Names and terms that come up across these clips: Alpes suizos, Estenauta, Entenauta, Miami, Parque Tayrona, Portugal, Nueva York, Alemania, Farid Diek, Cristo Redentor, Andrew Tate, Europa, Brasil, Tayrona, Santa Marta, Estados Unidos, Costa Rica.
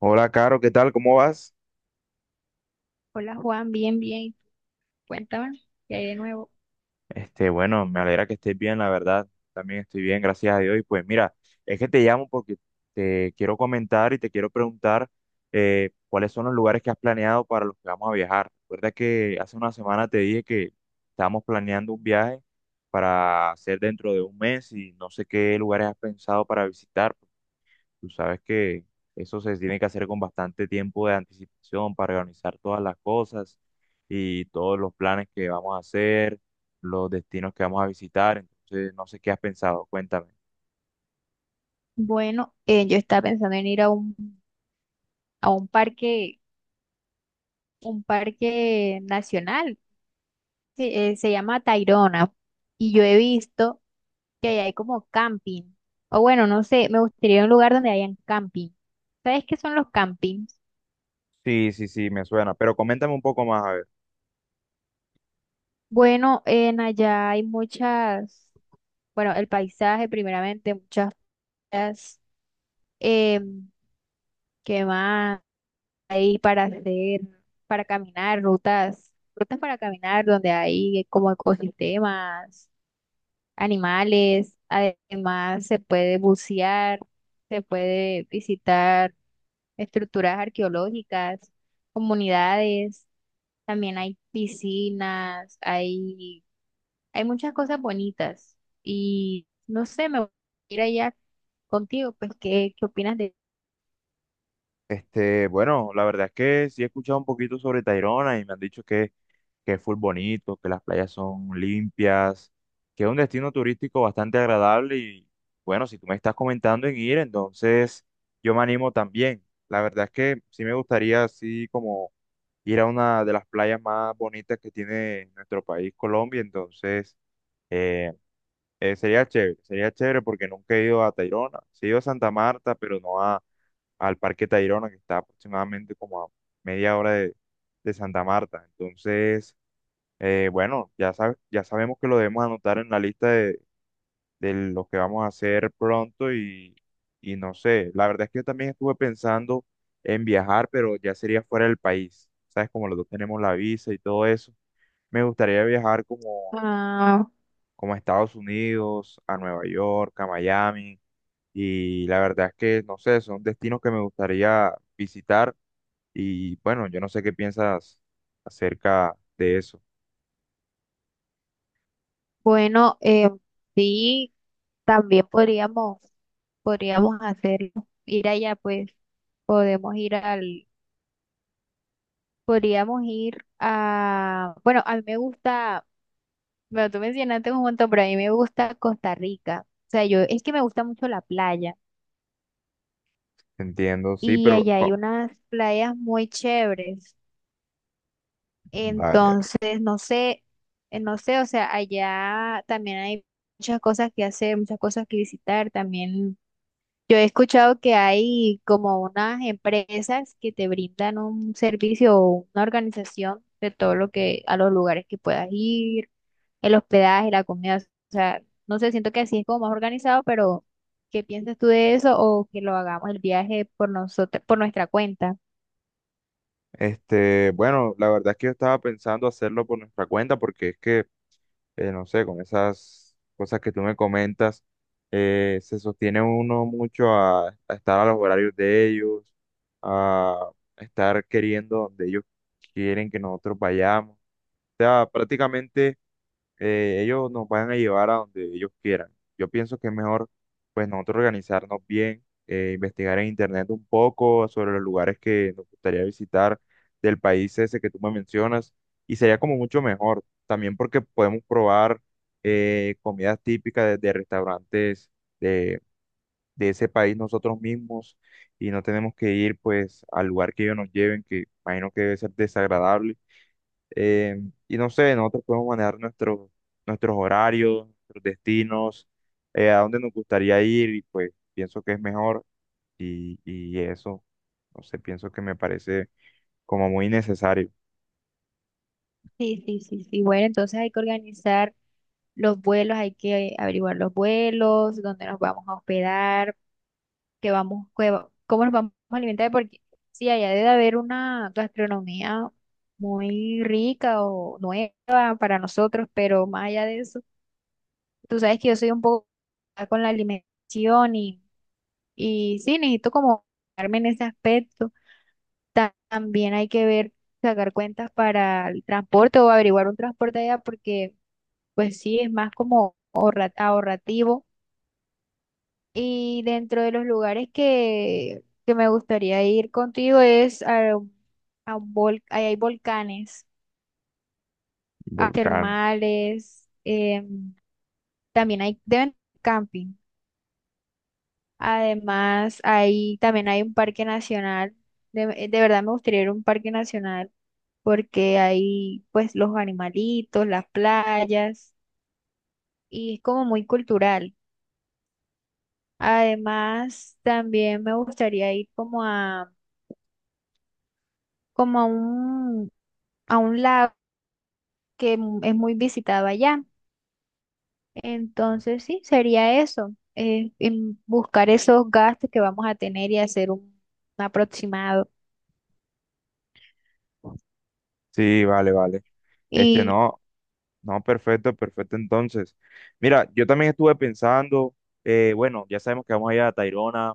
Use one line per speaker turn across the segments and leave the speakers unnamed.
Hola, Caro, ¿qué tal? ¿Cómo vas?
Hola Juan, bien, bien. Cuéntame, ¿qué hay de nuevo?
Bueno, me alegra que estés bien, la verdad. También estoy bien, gracias a Dios. Y pues mira, es que te llamo porque te quiero comentar y te quiero preguntar cuáles son los lugares que has planeado para los que vamos a viajar. Recuerda que hace una semana te dije que estábamos planeando un viaje para hacer dentro de un mes y no sé qué lugares has pensado para visitar. Tú sabes que eso se tiene que hacer con bastante tiempo de anticipación para organizar todas las cosas y todos los planes que vamos a hacer, los destinos que vamos a visitar. Entonces, no sé qué has pensado, cuéntame.
Bueno, yo estaba pensando en ir a a un parque nacional, se llama Tayrona, y yo he visto que ahí hay como camping, o bueno, no sé, me gustaría ir a un lugar donde hayan camping. ¿Sabes qué son los campings?
Sí, sí, sí, me suena, pero coméntame un poco más, a ver.
Bueno, en allá hay muchas, bueno, el paisaje primeramente, muchas playas, em, ¿qué más? Ahí para hacer, para caminar, rutas para caminar donde hay como ecosistemas, animales, además se puede bucear, se puede visitar estructuras arqueológicas, comunidades, también hay piscinas, hay muchas cosas bonitas y no sé, me gustaría ir allá contigo, pues, ¿qué opinas de...
Bueno, la verdad es que sí he escuchado un poquito sobre Tayrona y me han dicho que es full bonito, que las playas son limpias, que es un destino turístico bastante agradable y bueno, si tú me estás comentando en ir, entonces yo me animo también. La verdad es que sí me gustaría así como ir a una de las playas más bonitas que tiene nuestro país, Colombia. Entonces eh, sería chévere porque nunca he ido a Tayrona, sí he ido a Santa Marta, pero no a, al Parque Tayrona, que está aproximadamente como a media hora de Santa Marta, entonces... bueno, ya sabes, ya sabemos que lo debemos anotar en la lista de lo que vamos a hacer pronto y no sé, la verdad es que yo también estuve pensando en viajar, pero ya sería fuera del país. Sabes, como los dos tenemos la visa y todo eso, me gustaría viajar
Ah,
como a Estados Unidos, a Nueva York, a Miami, y la verdad es que, no sé, son destinos que me gustaría visitar, y bueno, yo no sé qué piensas acerca de eso.
bueno, sí, también podríamos hacerlo, ir allá, pues podemos ir podríamos ir a, bueno, a mí me gusta, bueno, tú mencionaste un montón, pero a mí me gusta Costa Rica. O sea, yo, es que me gusta mucho la playa
Entiendo, sí,
y
pero...
allá hay unas playas muy chéveres.
Vale,
Entonces, no sé, no sé, o sea, allá también hay muchas cosas que hacer, muchas cosas que visitar, también. Yo he escuchado que hay como unas empresas que te brindan un servicio o una organización de todo lo que a los lugares que puedas ir, el hospedaje, la comida. O sea, no sé, siento que así es como más organizado, pero ¿qué piensas tú de eso o que lo hagamos el viaje por nosotros, por nuestra cuenta?
Este, bueno, la verdad es que yo estaba pensando hacerlo por nuestra cuenta porque es que, no sé, con esas cosas que tú me comentas, se sostiene uno mucho a estar a los horarios de ellos, a estar queriendo donde ellos quieren que nosotros vayamos. O sea, prácticamente ellos nos van a llevar a donde ellos quieran. Yo pienso que es mejor, pues, nosotros organizarnos bien, investigar en internet un poco sobre los lugares que nos gustaría visitar del país ese que tú me mencionas, y sería como mucho mejor, también porque podemos probar comidas típicas de restaurantes de, de ese país nosotros mismos, y no tenemos que ir, pues, al lugar que ellos nos lleven, que imagino que debe ser desagradable eh, y no sé, nosotros podemos manejar nuestros nuestros horarios, nuestros destinos, a dónde nos gustaría ir y pues pienso que es mejor y eso, no sé, pienso que me parece como muy necesario.
Sí, sí, sí, sí. Bueno, entonces hay que organizar los vuelos, hay que averiguar los vuelos, dónde nos vamos a hospedar que vamos, que va- cómo nos vamos a alimentar, porque sí, allá debe haber una gastronomía muy rica o nueva para nosotros, pero más allá de eso, tú sabes que yo soy un poco complicada con la alimentación y sí, necesito como darme en ese aspecto. Ta- También hay que ver, sacar cuentas para el transporte o averiguar un transporte allá, porque pues sí, es más como ahorra- ahorrativo. Y dentro de los lugares que me gustaría ir contigo es a un vol- ahí hay volcanes, a
Volcán.
termales, también hay deben camping. Además, ahí también hay un parque nacional. De verdad me gustaría ir a un parque nacional porque hay pues los animalitos, las playas y es como muy cultural. Además, también me gustaría ir como a como a un lago que mu- es muy visitado allá. Entonces, sí, sería eso, en buscar esos gastos que vamos a tener y hacer un aproximado.
Sí, vale, vale.
Y,
No, no, perfecto, perfecto entonces. Mira, yo también estuve pensando, bueno, ya sabemos que vamos a ir a Tayrona,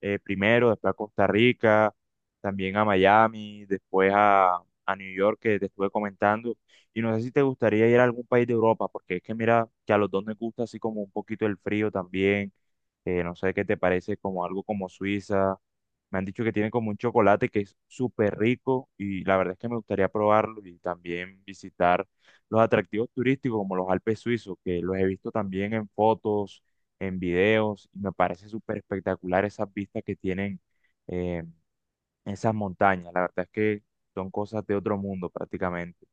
primero, después a Costa Rica, también a Miami, después a New York, que te estuve comentando. Y no sé si te gustaría ir a algún país de Europa, porque es que mira que a los dos nos gusta así como un poquito el frío también. No sé qué te parece, como algo como Suiza. Me han dicho que tiene como un chocolate que es súper rico y la verdad es que me gustaría probarlo y también visitar los atractivos turísticos como los Alpes suizos, que los he visto también en fotos, en videos, y me parece súper espectacular esas vistas que tienen eh, esas montañas. La verdad es que son cosas de otro mundo prácticamente.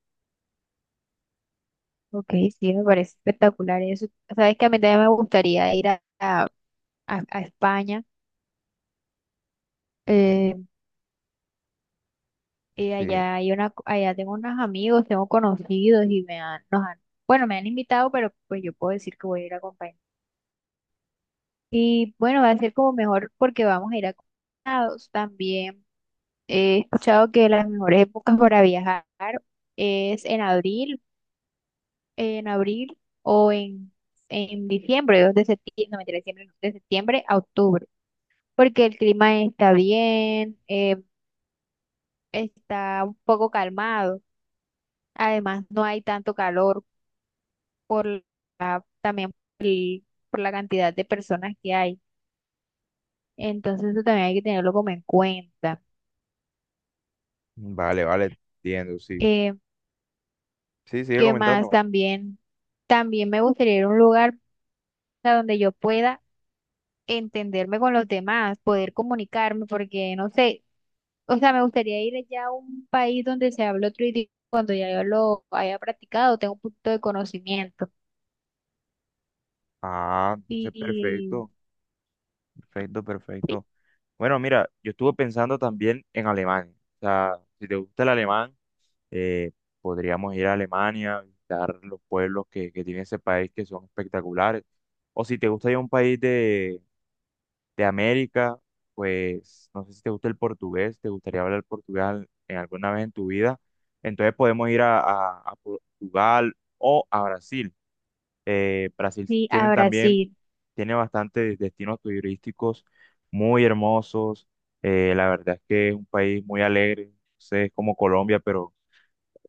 ok, sí, me parece espectacular eso. Sabes que a mí también me gustaría ir a España. eh, y
Sí,
allá hay una, co- allá tengo unos amigos, tengo conocidos y nos han, bueno, me han invitado, pero pues yo puedo decir que voy a ir acompañada. Y bueno, va a ser como mejor porque vamos a ir acompañados también. He escuchado que las mejores épocas para viajar es en abril, en abril o en diciembre, 2 de septiembre, no, mentira, diciembre no, de septiembre a octubre, porque el clima está bien, está un poco calmado, además no hay tanto calor por también por, el- por la cantidad de personas que hay, entonces eso también hay que tenerlo como en cuenta.
vale, vale, entiendo, sí.
Eh,
Sí, sigue
¿Qué más?
comentando.
También me gustaría ir a un lugar a donde yo pueda entenderme con los demás, poder comunicarme, porque no sé, o sea, me gustaría ir allá a un país donde se hable otro idioma cuando ya yo lo haya practicado, tengo un punto de conocimiento.
Ah, entonces
Y
perfecto, perfecto,
sí,
perfecto. Bueno, mira, yo estuve pensando también en Alemania. O sea, si te gusta el alemán, eh, podríamos ir a Alemania, visitar los pueblos que tiene ese país, que son espectaculares. O si te gusta ir a un país de América, pues no sé si te gusta el portugués, te gustaría hablar portugal en alguna vez en tu vida, entonces podemos ir a, a Portugal o a Brasil. Brasil
sí, a
tiene también,
Brasil,
tiene bastantes destinos turísticos muy hermosos. La verdad es que es un país muy alegre, no sé, es como Colombia, pero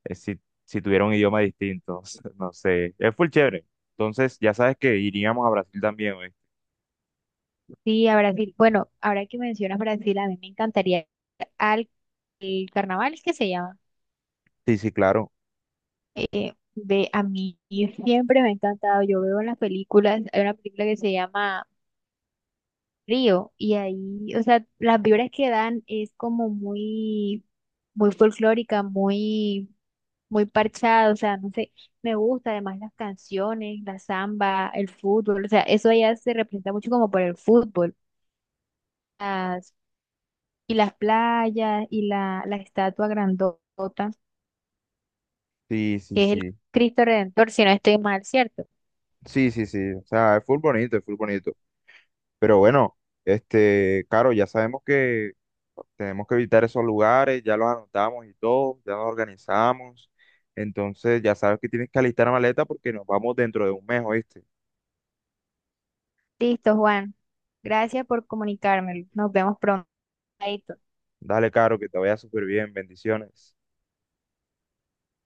si tuviera un idioma distinto, no sé, es full chévere. Entonces, ya sabes que iríamos a Brasil también, ¿oíste?
sí, a Brasil. Bueno, ahora que mencionas Brasil, a mí me encantaría ir al el carnaval, ¿es que se llama?
Sí, sí, claro.
Ve, a mí siempre me ha encantado, yo veo en las películas, hay una película que se llama Río y ahí, o sea, las vibras que dan es como muy, muy folclórica, muy, muy parchada, o sea, no sé, me gusta además las canciones, la samba, el fútbol, o sea, eso allá se representa mucho como por el fútbol, las, y las playas y la estatua grandota,
Sí, sí,
que es el
sí.
Cristo Redentor, si no estoy mal, ¿cierto?
Sí, sí, sí. O sea, es full bonito, es full bonito. Pero bueno, claro, ya sabemos que tenemos que evitar esos lugares, ya los anotamos y todo, ya nos organizamos. Entonces, ya sabes que tienes que alistar la maleta porque nos vamos dentro de un mes, ¿oíste?
Listo, Juan, gracias por comunicármelo, nos vemos pronto.
Dale, Caro, que te vaya súper bien. Bendiciones.